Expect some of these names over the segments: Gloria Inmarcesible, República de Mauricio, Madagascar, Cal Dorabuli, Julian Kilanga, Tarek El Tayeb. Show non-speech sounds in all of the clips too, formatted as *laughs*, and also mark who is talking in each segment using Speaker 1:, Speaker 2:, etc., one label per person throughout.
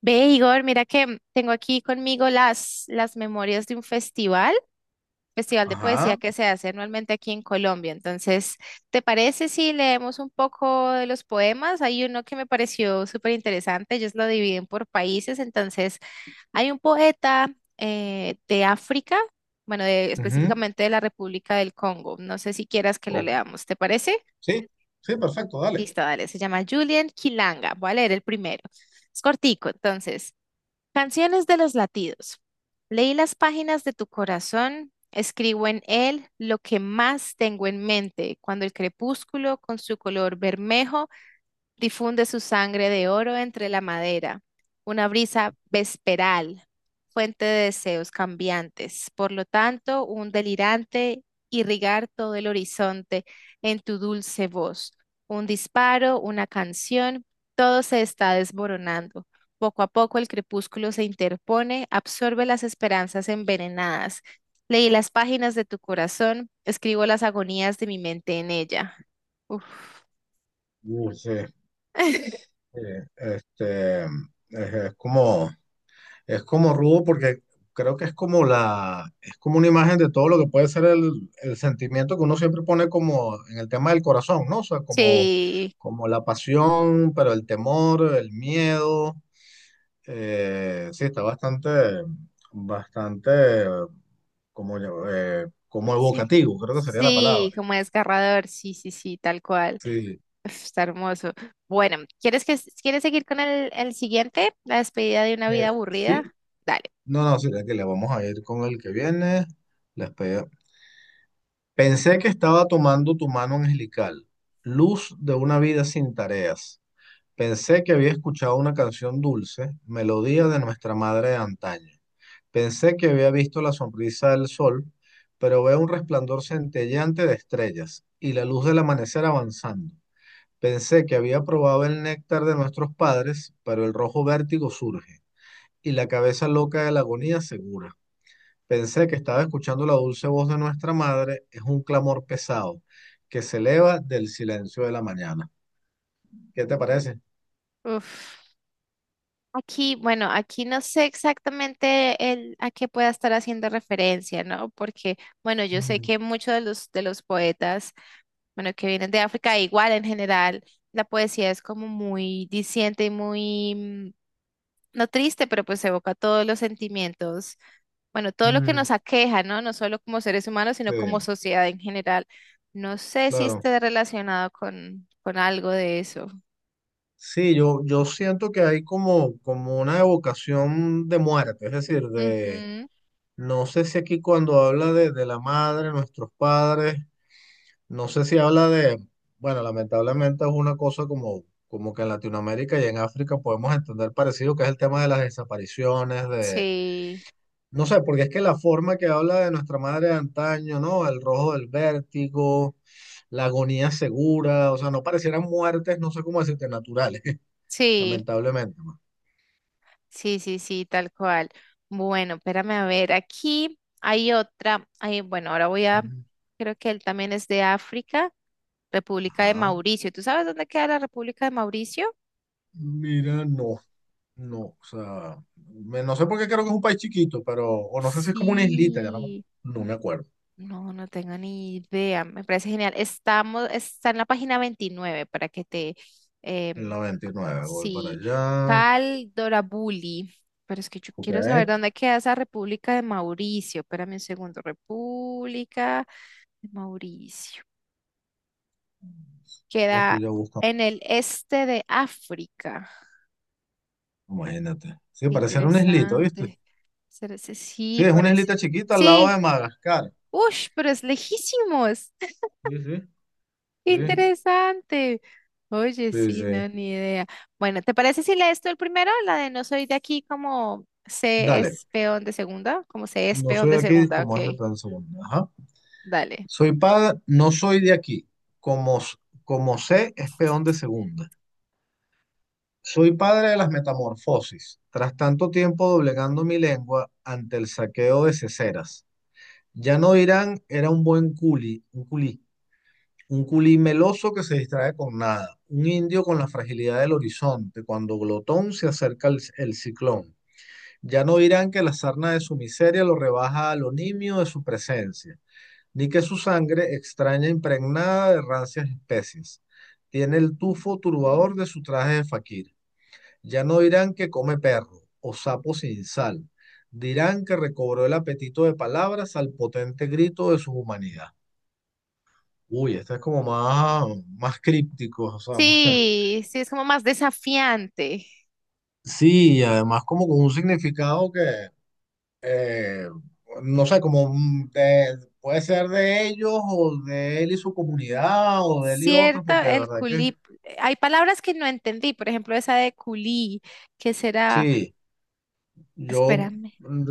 Speaker 1: Ve, Igor, mira que tengo aquí conmigo las memorias de un festival de poesía
Speaker 2: Ajá.
Speaker 1: que se hace anualmente aquí en Colombia. Entonces, ¿te parece si leemos un poco de los poemas? Hay uno que me pareció súper interesante, ellos lo dividen por países. Entonces, hay un poeta de África, bueno,
Speaker 2: Ujú.
Speaker 1: específicamente de la República del Congo. No sé si quieras que lo
Speaker 2: o-
Speaker 1: leamos, ¿te parece?
Speaker 2: sí, sí, perfecto, dale.
Speaker 1: Listo, dale, se llama Julian Kilanga. Voy a leer el primero. Es cortico, entonces. Canciones de los latidos. Leí las páginas de tu corazón, escribo en él lo que más tengo en mente, cuando el crepúsculo con su color bermejo difunde su sangre de oro entre la madera, una brisa vesperal, fuente de deseos cambiantes. Por lo tanto, un delirante irrigar todo el horizonte en tu dulce voz. Un disparo, una canción, todo se está desmoronando. Poco a poco el crepúsculo se interpone, absorbe las esperanzas envenenadas. Leí las páginas de tu corazón, escribo las agonías de mi mente en ella. Uf.
Speaker 2: Sí,
Speaker 1: *laughs*
Speaker 2: sí, este, es, es como, es como rudo porque creo que es como es como una imagen de todo lo que puede ser el sentimiento que uno siempre pone como en el tema del corazón, ¿no? O sea, como,
Speaker 1: Sí.
Speaker 2: como la pasión, pero el temor, el miedo. Sí, está bastante, bastante como, como
Speaker 1: Sí.
Speaker 2: evocativo, creo que sería la
Speaker 1: Sí,
Speaker 2: palabra.
Speaker 1: como desgarrador, sí, sí, sí, tal cual.
Speaker 2: Sí,
Speaker 1: Uf, está hermoso. Bueno, ¿quieres que quieres seguir con el siguiente? La despedida de una vida
Speaker 2: sí.
Speaker 1: aburrida. Dale.
Speaker 2: No, no, Sí, que le vamos a ir con el que viene. La espe- Pensé que estaba tomando tu mano angelical, luz de una vida sin tareas. Pensé que había escuchado una canción dulce, melodía de nuestra madre de antaño. Pensé que había visto la sonrisa del sol, pero veo un resplandor centelleante de estrellas y la luz del amanecer avanzando. Pensé que había probado el néctar de nuestros padres, pero el rojo vértigo surge y la cabeza loca de la agonía segura. Pensé que estaba escuchando la dulce voz de nuestra madre, es un clamor pesado que se eleva del silencio de la mañana. ¿Qué te parece?
Speaker 1: Uf. Aquí, bueno, aquí no sé exactamente a qué pueda estar haciendo referencia, ¿no? Porque, bueno, yo sé
Speaker 2: Mm,
Speaker 1: que muchos de los poetas, bueno, que vienen de África, igual en general, la poesía es como muy diciente y muy, no triste, pero pues evoca todos los sentimientos bueno, todo lo que
Speaker 2: mm.
Speaker 1: nos aqueja, ¿no? No solo como seres humanos, sino como
Speaker 2: Sí,
Speaker 1: sociedad en general. No sé si
Speaker 2: claro.
Speaker 1: esté relacionado con algo de eso.
Speaker 2: Sí, yo siento que hay como, como una evocación de muerte, es decir,
Speaker 1: Ujú,
Speaker 2: no sé si aquí cuando habla de la madre, nuestros padres, no sé si habla de, bueno, lamentablemente es una cosa como, como que en Latinoamérica y en África podemos entender parecido, que es el tema de las desapariciones, de...
Speaker 1: sí,
Speaker 2: No sé, porque es que la forma que habla de nuestra madre de antaño, ¿no? El rojo del vértigo, la agonía segura, o sea, no parecieran muertes, no sé cómo decirte, naturales, *laughs*
Speaker 1: sí,
Speaker 2: lamentablemente, ¿no?
Speaker 1: sí, sí, sí, tal cual. Bueno, espérame a ver, aquí hay otra, bueno,
Speaker 2: Ujú.
Speaker 1: creo que él también es de África, República de
Speaker 2: Ajá.
Speaker 1: Mauricio. ¿Tú sabes dónde queda la República de Mauricio?
Speaker 2: Mira, no, no, o sea, no sé por qué creo que es un país chiquito, pero, o no sé si es como una islita, ya no,
Speaker 1: Sí.
Speaker 2: no me acuerdo.
Speaker 1: No, no tengo ni idea. Me parece genial. Está en la página 29 para que te...
Speaker 2: En
Speaker 1: em,
Speaker 2: la veintinueve voy para
Speaker 1: sí,
Speaker 2: allá.
Speaker 1: Cal Dorabuli. Pero es que yo
Speaker 2: Ok.
Speaker 1: quiero saber dónde queda esa República de Mauricio. Espérame un segundo. República de Mauricio.
Speaker 2: Lo estoy
Speaker 1: Queda
Speaker 2: ya buscando,
Speaker 1: en el este de África.
Speaker 2: imagínate. Sí,
Speaker 1: Qué
Speaker 2: parece ser una islita, ¿viste?
Speaker 1: interesante.
Speaker 2: Sí,
Speaker 1: Sí,
Speaker 2: es una
Speaker 1: parece.
Speaker 2: islita chiquita al lado de
Speaker 1: Sí.
Speaker 2: Madagascar.
Speaker 1: Ush, pero es lejísimos.
Speaker 2: Sí, sí,
Speaker 1: ¡Qué
Speaker 2: sí,
Speaker 1: interesante! Oye,
Speaker 2: sí,
Speaker 1: sí,
Speaker 2: sí.
Speaker 1: no, ni idea. Bueno, ¿te parece si lees tú el primero? La de no soy de aquí como se
Speaker 2: Dale,
Speaker 1: es peón de segunda, como se es
Speaker 2: no
Speaker 1: peón
Speaker 2: soy
Speaker 1: de
Speaker 2: de aquí,
Speaker 1: segunda,
Speaker 2: como es de
Speaker 1: ok,
Speaker 2: plan segundo. Ajá.
Speaker 1: dale.
Speaker 2: Soy padre, no soy de aquí, como, s- como sé, es peón de segunda. Soy padre de las metamorfosis, tras tanto tiempo doblegando mi lengua ante el saqueo de ceceras. Ya no dirán, era un buen un culí meloso que se distrae con nada, un indio con la fragilidad del horizonte, cuando glotón se acerca el ciclón. Ya no dirán que la sarna de su miseria lo rebaja al nimio de su presencia, ni que su sangre, extraña e impregnada de rancias especies, tiene el tufo turbador de su traje de faquir. Ya no dirán que come perro o sapo sin sal, dirán que recobró el apetito de palabras al potente grito de su humanidad. Uy, este es como más, más críptico, o sea, *laughs*
Speaker 1: Sí, sí, es como más desafiante.
Speaker 2: sí, y además como con un significado que eh, no sé, puede ser de ellos o de él y su comunidad o de él y otros,
Speaker 1: Cierto,
Speaker 2: porque de
Speaker 1: el
Speaker 2: verdad que
Speaker 1: culí. Hay palabras que no entendí, por ejemplo, esa de culí, que será,
Speaker 2: sí, yo,
Speaker 1: espérame.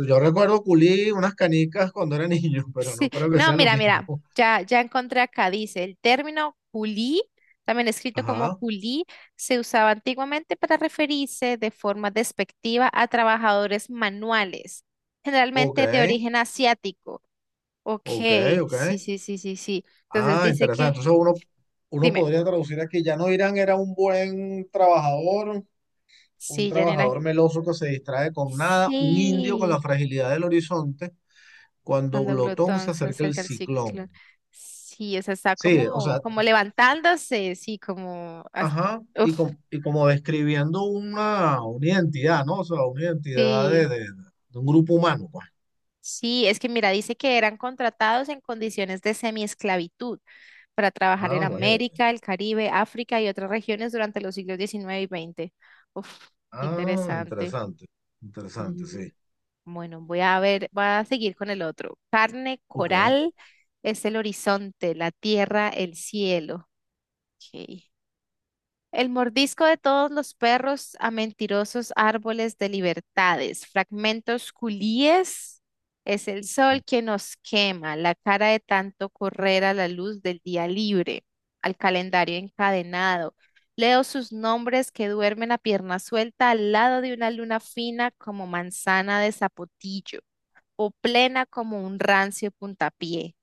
Speaker 2: yo recuerdo culí unas canicas cuando era niño, *laughs* pero no
Speaker 1: Sí,
Speaker 2: creo que
Speaker 1: no,
Speaker 2: sea lo
Speaker 1: mira,
Speaker 2: mismo.
Speaker 1: mira, ya encontré acá, dice, el término culí, también escrito como
Speaker 2: Ajá,
Speaker 1: culí, se usaba antiguamente para referirse de forma despectiva a trabajadores manuales,
Speaker 2: ok,
Speaker 1: generalmente de origen asiático. Ok,
Speaker 2: ok, ok.
Speaker 1: sí, sí, sí, sí, sí. Entonces
Speaker 2: Ah,
Speaker 1: dice
Speaker 2: interesante.
Speaker 1: que,
Speaker 2: Uno
Speaker 1: dime,
Speaker 2: podría traducir aquí, ya no Irán era un buen trabajador, un
Speaker 1: sí, Janina.
Speaker 2: trabajador meloso que se distrae con nada, un indio con la
Speaker 1: Sí,
Speaker 2: fragilidad del horizonte cuando
Speaker 1: cuando
Speaker 2: Glotón se
Speaker 1: glotón se
Speaker 2: acerca el
Speaker 1: acerca al ciclo.
Speaker 2: ciclón.
Speaker 1: Sí, o sea, está
Speaker 2: Sí, o
Speaker 1: como,
Speaker 2: sea,
Speaker 1: como levantándose, sí, como,
Speaker 2: ajá,
Speaker 1: uf,
Speaker 2: y como describiendo una identidad, ¿no? O sea, una identidad
Speaker 1: sí.
Speaker 2: de un grupo humano, pues.
Speaker 1: Sí, es que mira, dice que eran contratados en condiciones de semiesclavitud para trabajar en
Speaker 2: Ah, imagínate.
Speaker 1: América, el Caribe, África y otras regiones durante los siglos XIX y XX. Uf, qué
Speaker 2: Ah,
Speaker 1: interesante.
Speaker 2: interesante, interesante,
Speaker 1: Y
Speaker 2: sí.
Speaker 1: bueno, voy a ver, voy a seguir con el otro. Carne
Speaker 2: Ok.
Speaker 1: coral es el horizonte, la tierra, el cielo. Ok. El mordisco de todos los perros a mentirosos árboles de libertades, fragmentos culíes, es el sol que nos quema, la cara de tanto correr a la luz del día libre, al calendario encadenado. Leo sus nombres que duermen a pierna suelta al lado de una luna fina como manzana de zapotillo o plena como un rancio puntapié.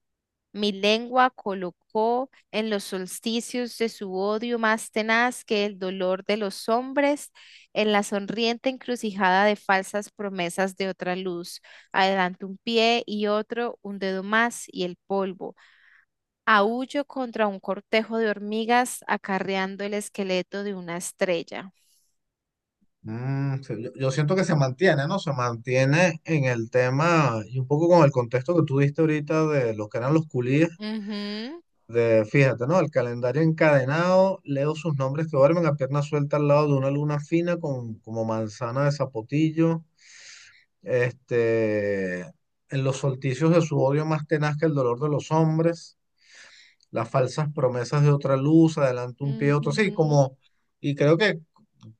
Speaker 1: Mi lengua colocó en los solsticios de su odio más tenaz que el dolor de los hombres, en la sonriente encrucijada de falsas promesas de otra luz. Adelante un pie y otro, un dedo más y el polvo. Aúllo contra un cortejo de hormigas acarreando el esqueleto de una estrella.
Speaker 2: Mm, sí, yo siento que se mantiene, ¿no? Se mantiene en el tema y un poco con el contexto que tú diste ahorita de lo que eran los culíes.
Speaker 1: Ujú,
Speaker 2: De, fíjate, ¿no? El calendario encadenado, leo sus nombres que duermen a pierna suelta al lado de una luna fina como manzana de zapotillo, este, en los solticios de su odio más tenaz que el dolor de los hombres, las falsas promesas de otra luz, adelante un pie, otro, sí,
Speaker 1: ujú.
Speaker 2: como, y creo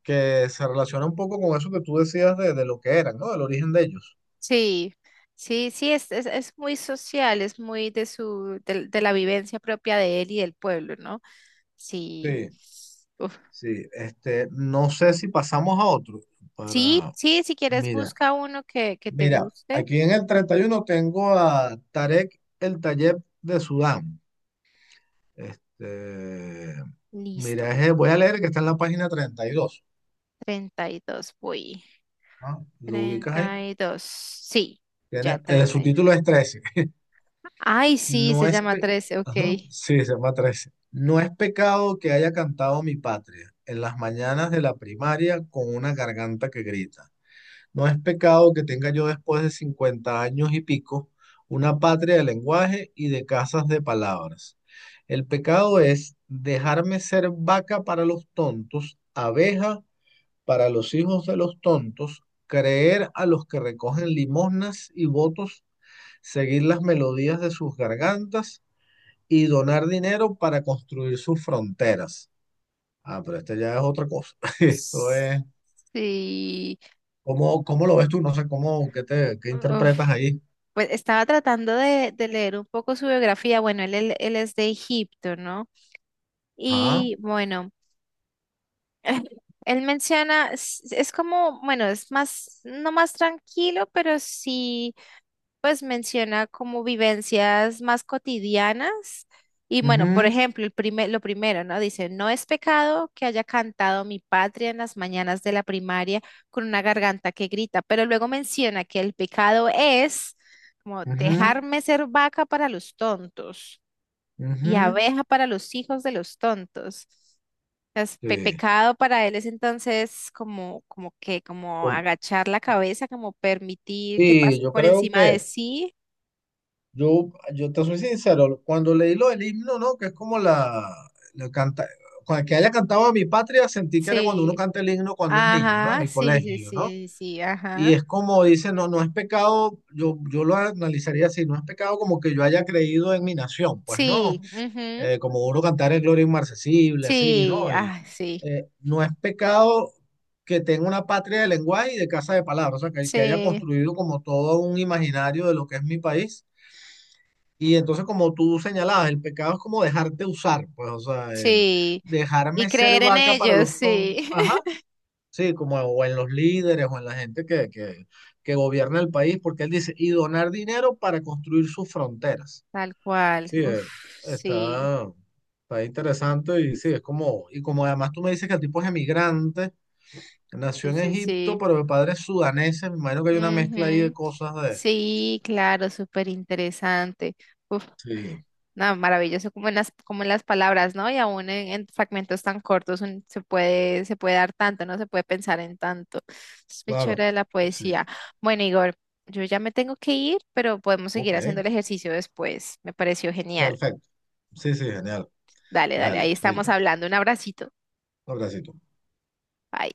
Speaker 2: que se relaciona un poco con eso que tú decías de lo que eran, ¿no? Del origen de ellos.
Speaker 1: Sí, sí, sí, es muy social, es muy de la vivencia propia de él y del pueblo, ¿no? Sí.
Speaker 2: Sí,
Speaker 1: Uf.
Speaker 2: sí, este, no sé si pasamos a otro
Speaker 1: Sí,
Speaker 2: para,
Speaker 1: sí, si quieres
Speaker 2: mira.
Speaker 1: busca uno que te
Speaker 2: Mira,
Speaker 1: guste.
Speaker 2: aquí en el 31 tengo a Tarek El Tayeb de Sudán. Este,
Speaker 1: Listo.
Speaker 2: mira, voy a leer que está en la página 32.
Speaker 1: 32, voy.
Speaker 2: ¿Ah? Lo ubicas ahí.
Speaker 1: 32, sí, ya
Speaker 2: Tiene, su
Speaker 1: 32.
Speaker 2: título es 13.
Speaker 1: Ay, sí,
Speaker 2: No
Speaker 1: se
Speaker 2: es
Speaker 1: llama
Speaker 2: pe-
Speaker 1: 13, ok.
Speaker 2: Ajá, sí, se llama 13. No es pecado que haya cantado mi patria en las mañanas de la primaria con una garganta que grita. No es pecado que tenga yo después de 50 años y pico una patria de lenguaje y de casas de palabras. El pecado es dejarme ser vaca para los tontos, abeja para los hijos de los tontos, creer a los que recogen limosnas y votos, seguir las melodías de sus gargantas y donar dinero para construir sus fronteras. Ah, pero este ya es otra cosa. *laughs* Esto es...
Speaker 1: Sí.
Speaker 2: ¿Cómo, cómo lo ves tú? No sé cómo, ¿qué te, qué
Speaker 1: Uf,
Speaker 2: interpretas ahí?
Speaker 1: pues estaba tratando de leer un poco su biografía. Bueno, él es de Egipto, ¿no?
Speaker 2: Ajá.
Speaker 1: Y bueno, *laughs* él menciona, es como, bueno, es más, no más tranquilo, pero sí, pues menciona como vivencias más cotidianas. Y bueno, por
Speaker 2: Ujú,
Speaker 1: ejemplo, lo primero, ¿no? Dice, no es pecado que haya cantado mi patria en las mañanas de la primaria con una garganta que grita, pero luego menciona que el pecado es como
Speaker 2: ujú,
Speaker 1: dejarme ser vaca para los tontos y
Speaker 2: ujú.
Speaker 1: abeja para los hijos de los tontos es
Speaker 2: Sí,
Speaker 1: pecado para él es entonces como, como que, como
Speaker 2: com-
Speaker 1: agachar la cabeza, como permitir que
Speaker 2: sí,
Speaker 1: pase
Speaker 2: yo
Speaker 1: por
Speaker 2: creo
Speaker 1: encima de
Speaker 2: que,
Speaker 1: sí.
Speaker 2: yo te soy sincero, cuando leí lo del himno, ¿no? Que es como la canta, que haya cantado a mi patria, sentí que era cuando uno
Speaker 1: Sí.
Speaker 2: canta el himno cuando es niño, ¿no? En
Speaker 1: Ajá,
Speaker 2: el
Speaker 1: sí, sí,
Speaker 2: colegio, ¿no?
Speaker 1: sí, sí,
Speaker 2: Y
Speaker 1: ajá.
Speaker 2: es como dice, no, no es pecado, yo lo analizaría así, no es pecado como que yo haya creído en mi nación, pues no.
Speaker 1: Sí, ujú,
Speaker 2: Como uno cantar el Gloria Inmarcesible, así,
Speaker 1: sí,
Speaker 2: ¿no? Y
Speaker 1: ah, sí,
Speaker 2: no es pecado que tenga una patria de lenguaje y de casa de palabras, o sea, que haya
Speaker 1: sí,
Speaker 2: construido como todo un imaginario de lo que es mi país. Y entonces, como tú señalabas, el pecado es como dejarte usar, pues, o sea, el
Speaker 1: sí. Y
Speaker 2: dejarme ser
Speaker 1: creer en
Speaker 2: vaca para
Speaker 1: ellos,
Speaker 2: los tontos,
Speaker 1: sí.
Speaker 2: ajá,
Speaker 1: *laughs*
Speaker 2: sí, como o en los líderes o en la gente que gobierna el país, porque él dice, y donar dinero para construir sus fronteras.
Speaker 1: Tal cual.
Speaker 2: Sí,
Speaker 1: Uf, sí,
Speaker 2: está, está interesante y sí, es como, y como además tú me dices que el tipo es emigrante, nació
Speaker 1: sí,
Speaker 2: en
Speaker 1: sí,
Speaker 2: Egipto,
Speaker 1: sí.
Speaker 2: pero de padres sudaneses, me imagino que hay una mezcla ahí de
Speaker 1: Ujú.
Speaker 2: cosas de...
Speaker 1: Sí, claro, súper interesante.
Speaker 2: Sí,
Speaker 1: No, maravilloso como en como en las palabras, ¿no? Y aún en fragmentos tan cortos se puede, dar tanto, ¿no? Se puede pensar en tanto. Es muy
Speaker 2: claro,
Speaker 1: chévere de la
Speaker 2: sí,
Speaker 1: poesía. Bueno, Igor, yo ya me tengo que ir, pero podemos
Speaker 2: ok,
Speaker 1: seguir haciendo el ejercicio después. Me pareció genial.
Speaker 2: perfecto, sí, sí, genial,
Speaker 1: Dale, dale, ahí
Speaker 2: dale,
Speaker 1: estamos
Speaker 2: chaito,
Speaker 1: hablando. Un abracito.
Speaker 2: un abracito.
Speaker 1: Bye.